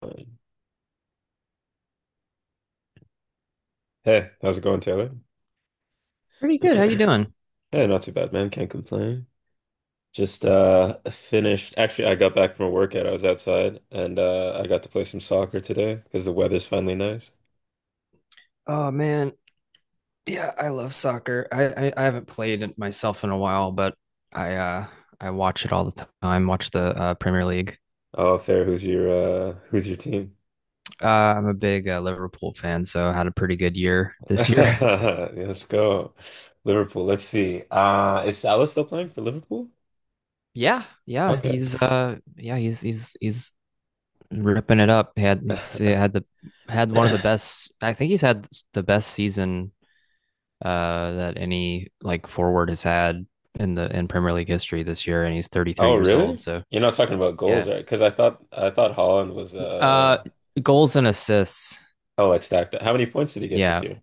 Fine. Hey, how's it going, Taylor? Pretty good. How you doing? Yeah, not too bad, man. Can't complain. Just finished. Actually, I got back from a workout. I was outside, and I got to play some soccer today because the weather's finally nice. Oh man, yeah, I love soccer. I haven't played it myself in a while, but I uh I watch it all the time. Watch the Premier League. Oh, fair. Who's your team? I'm a big Liverpool fan, so I had a pretty good year this year. Yeah, let's go. Liverpool. Let's see. Is Salah still playing for Liverpool? Yeah, yeah, Okay. he's he's ripping it up. He had one of the best. I think he's had the best season that any like forward has had in the in Premier League history this year, and he's 33 Oh, years old. really? So. You're not talking about goals, Yeah. right? Because I thought Holland was Uh, Goals and assists. oh, like, stacked up. How many points did he get this Yeah. year?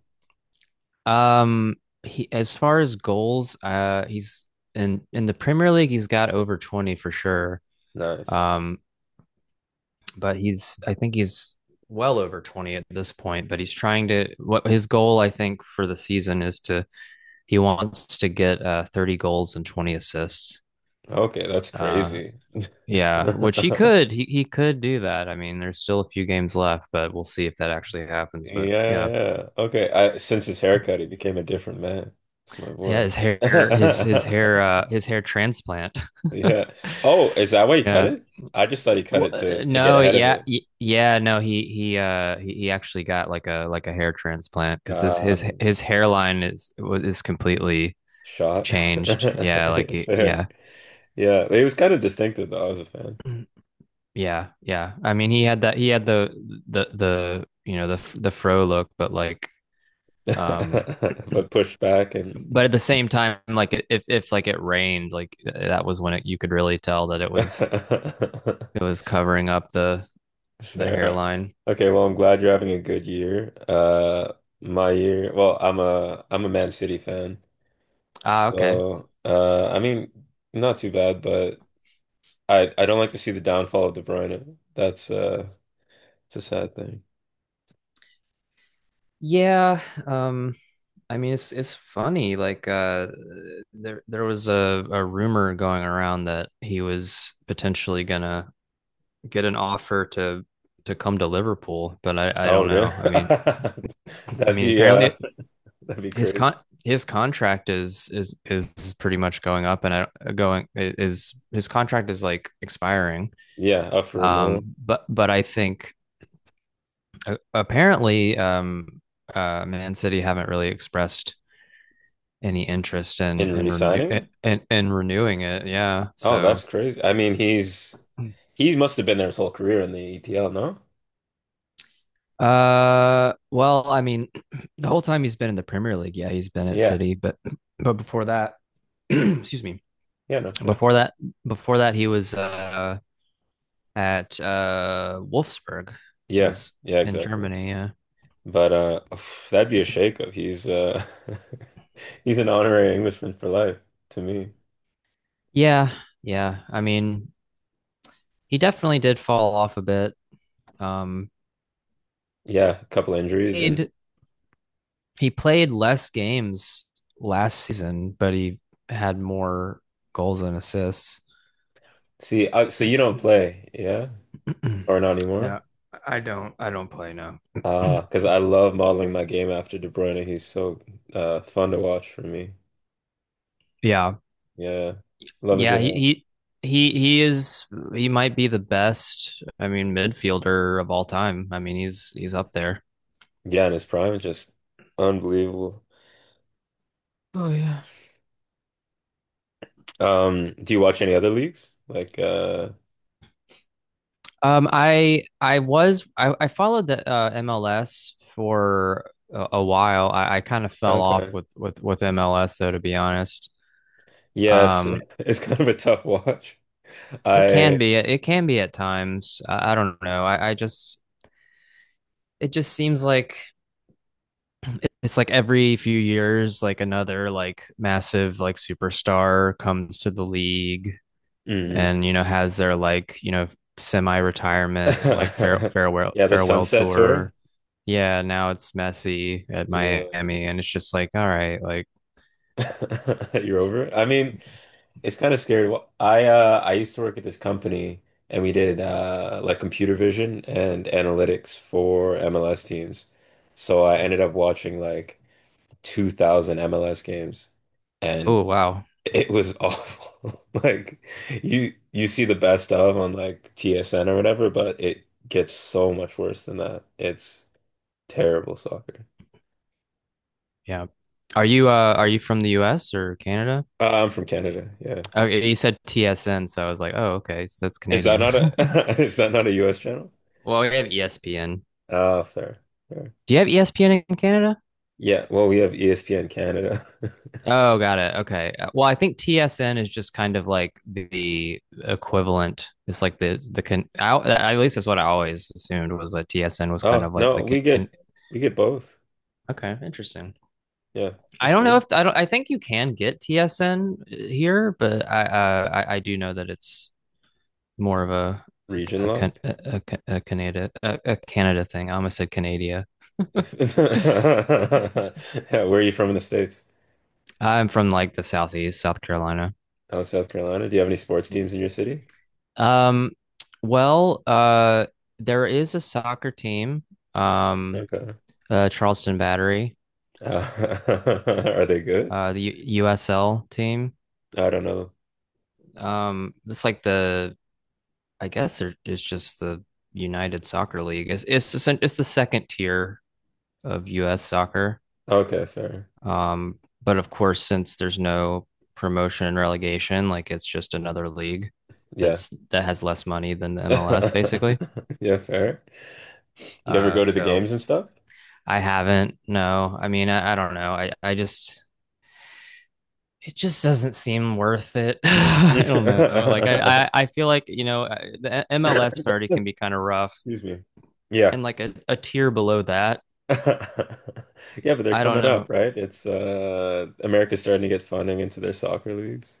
Um, he, as far as goals, he's in the Premier League. He's got over 20 for sure. Nice. Um, but he's I think he's well over 20 at this point. But he's trying to. What his goal I think for the season is, to he wants to get 30 goals and 20 assists. Okay, that's Uh, crazy. yeah, which he could. He could do that. I mean, there's still a few games left, but we'll see if that actually happens. Yeah, But yeah, yeah. Okay, I, since his haircut, he became a different man. It's my yeah boy. His hair transplant. Yeah. Oh, is that why he cut Yeah, it? I just thought he cut well, it to to get no ahead of yeah it. yeah no he he actually got like a hair transplant because Uh, his hairline is completely shot. changed. Yeah, like he, Fair. yeah Yeah, it was kind of distinctive though. I was a fan, yeah yeah I mean he had the the fro look, but like. um but pushed back and. but at the same time, like, if like it rained, like that was when you could really tell that it was covering up the Fair. hairline. Okay, well, I'm glad you're having a good year. My year, well, I'm a Man City fan. Ah, okay. So, I mean, not too bad, but I don't like to see the downfall of De Bruyne. That's it's a sad thing. Yeah. Um, I mean, it's funny. Like there was a rumor going around that he was potentially gonna get an offer to come to Liverpool, but I Oh, don't really? know. I mean, I That'd mean be apparently uh it, that'd be his crazy. con his contract is pretty much going up, and I going is his contract is like expiring. Yeah, up for renewal But I think apparently, Man City haven't really expressed any interest in in re-signing? Her? In renewing it. Yeah, Oh, that's so. crazy. I mean, he must have been there his whole career in the EPL, no? Well, I mean, the whole time he's been in the Premier League, yeah, he's been at Yeah. City, but but before that, excuse me, Yeah, no stress. before that, before that, he was at Wolfsburg, Yeah. was Yeah, in exactly. Germany. Yeah, But oof, that'd be a shakeup. He's he's an honorary Englishman for life to me. yeah, yeah. I mean, he definitely did fall off a bit. Um, Yeah, a couple injuries and played He played less games last season, but he had more goals and assists. see. So you don't play, yeah, or not anymore? No, I don't. I don't play now. Ah, because I love modeling my game after De Bruyne. He's so fun to watch for me. Yeah, Yeah, love a yeah. good He is. He might be the best, I mean, midfielder of all time. I mean, he's up there. yeah, in his prime, just unbelievable. Oh yeah. Do you watch any other leagues? Like I I followed the MLS for a while. I kind of fell off okay, with MLS though, to be honest. yeah, it's Um, it's kind of a tough watch. It can I. be. It can be at times. I don't know. I just it just seems like it's like every few years, like another like massive like superstar comes to the league, Mm. and you know has their like you know semi-retirement like Yeah, the farewell Sunset Tour. tour. Yeah, now it's Messi at Yeah. Miami, and it's just like all right, like You're over it. I mean, it's kind of scary. Well, I used to work at this company, and we did like computer vision and analytics for MLS teams. So I ended up watching like 2000 MLS games, and oh wow, it was awful. Like you see the best of on like TSN or whatever, but it gets so much worse than that. It's terrible soccer. yeah. Are you from the U.S. or Canada? I'm from Canada. Yeah. Oh, you said TSN, so I was like, oh okay, so that's Is that Canadian. not a is that not a US channel? Well, we have ESPN. Ah, fair. Fair. Do you have ESPN in Canada? Yeah, well, we have ESPN Canada. Oh, got it. Okay. Well, I think TSN is just kind of like the equivalent. It's like the can. At least that's what I always assumed, was that TSN was kind Oh, of like no, the can. Can we get both. okay, interesting. Yeah, I that's don't know weird. if I don't. I think you can get TSN here, but I I do know that it's more of Region a, locked. a, a, a Canada a Canada thing. I almost said Canada. If, yeah, where are you from in the States? I'm from like the southeast, South Carolina. Oh, South Carolina. Do you have any sports Yeah. teams in your city? Um, well, uh, there is a soccer team, um, Okay. Charleston Battery, Uh, are they good? USL team. I don't know. It's like the, it's just the United Soccer League. It's it's the second tier of U.S. soccer. Okay, fair. But of course, since there's no promotion and relegation, like it's just another league Yeah. that's that has less money than the MLS, basically. Yeah, fair. Do you ever go to the So games and stuff? I haven't. No, I mean, I don't know. I just, it just doesn't seem worth it. I don't know. Like, I feel like, you know, the MLS already can be kind of rough Excuse me. Yeah. and like a tier below that. Yeah, but they're I don't coming up, know. right? It's America's starting to get funding into their soccer leagues.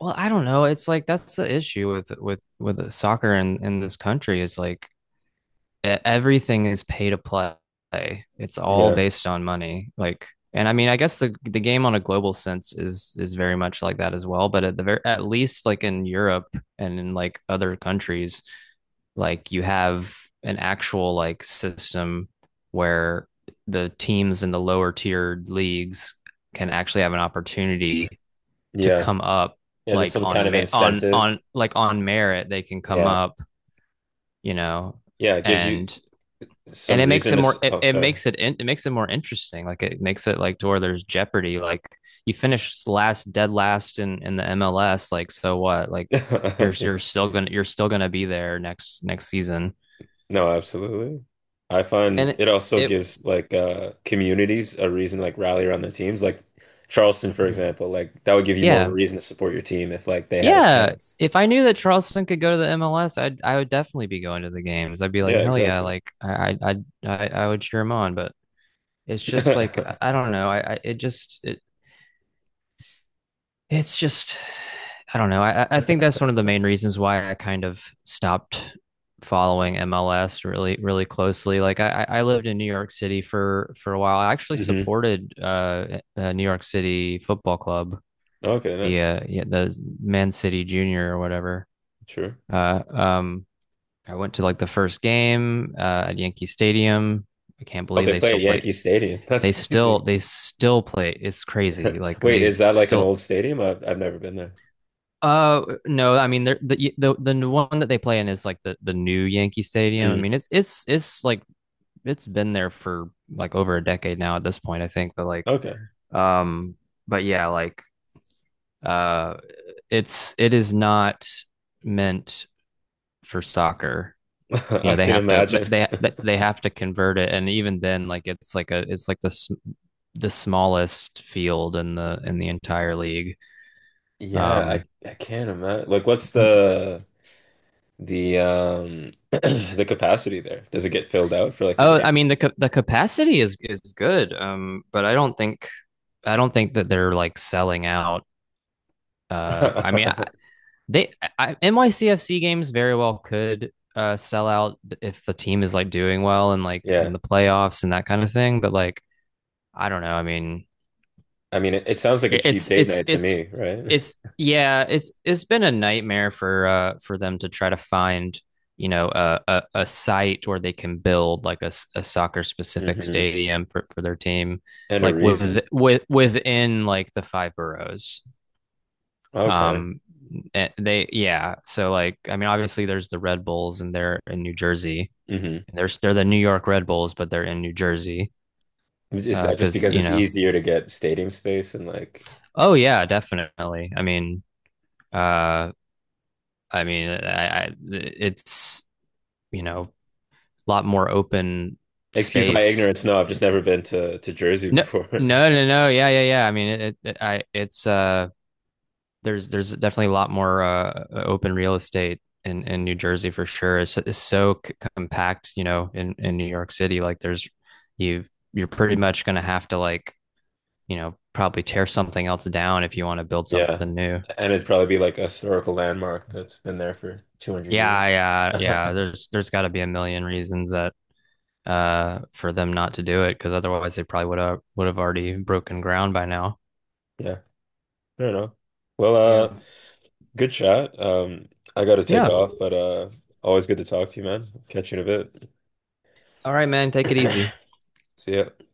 Well, I don't know. It's like that's the issue with soccer in this country is like everything is pay to play. It's all Yeah. based on money. Like, and I mean, I guess the game on a global sense is very much like that as well. But at the very at least, like in Europe and in like other countries, like you have an actual like system where the teams in the lower tiered leagues can actually have an opportunity to Yeah. come up, Yeah, there's like some kind on of me- incentive. on like on merit they can come Yeah. up, you know. Yeah, it gives you and and some it makes reason it to s- more oh, it sorry. makes it more interesting. Like it makes it like to where there's jeopardy. Like you finish last, dead last in the MLS, like, so what? Like you're still gonna be there next next season, No, absolutely. I and find it it, also it gives like communities a reason to like rally around their teams. Like Charleston, for example, like that would give you more of a yeah, reason to support your team if like they had a yeah. chance. If I knew that Charleston could go to the MLS, I would definitely be going to the games. I'd be Yeah, like hell yeah, exactly. like I would cheer him on. But it's just like I don't know I, it just it, it's just I don't know. I think that's one of the main reasons why I kind of stopped following MLS really really closely. Like I lived in New York City for a while. I actually Hmm. supported New York City Football Club, Okay, the nice. Man City Junior or whatever. True. Uh, um, I went to like the first game at Yankee Stadium. I can't Oh, believe they they play at still play. Yankee Stadium. That's They still crazy. they still play. It's crazy. Like Wait, they is that like an still. old stadium? I've never been there. No, I mean the one that they play in is like the new Yankee Stadium. I Mm. mean, it's like it's been there for like over a decade now at this point, I think. But Okay. um, but yeah, like, uh, it's it is not meant for soccer. You I know, can imagine. They have to convert it, and even then, like it's like the smallest field in the entire league. Yeah, Um, I can't imagine. Like, what's the the capacity there? Does it get filled out for like a Oh, I game? mean the the capacity is good, but I don't think that they're like selling out. I mean, they NYCFC games very well could sell out if the team is like doing well and like in Yeah. the playoffs and that kind of thing. But like, I don't know. I mean, I mean, it sounds like a cheap It's date it's night to it's me, right? it's it's been a nightmare for them to try to find, you know, a site where they can build like a soccer specific Hmm. stadium for their team, And a like with reason. within like the five boroughs. Okay. Um so, like, I mean, obviously there's the Red Bulls and they're in New Jersey. Hmm. There's They're the New York Red Bulls, but they're in New Jersey. Is uh that just because because you it's know, easier to get stadium space and like oh yeah, definitely. I mean, uh I, it's, you know, a lot more open excuse my space. ignorance. No, I've just never been to Jersey No, before. no, no, no. Yeah, yeah, yeah. I mean, it I it's there's definitely a lot more open real estate in New Jersey, for sure. It's so compact, you know, in New York City. Like, there's you you're pretty much gonna have to like, you know, probably tear something else down if you want to build Yeah. something new. And it'd probably be like a historical landmark that's been there for 200 years. Yeah, yeah, yeah. There's got to be a million reasons that for them not to do it, because otherwise they probably would have already broken ground by now. Yeah. I don't know. Well, Yeah. uh, good chat. I gotta take Yeah. off, but always good to talk to you, man. Catch you in a All right, man. Take it bit. easy. See ya.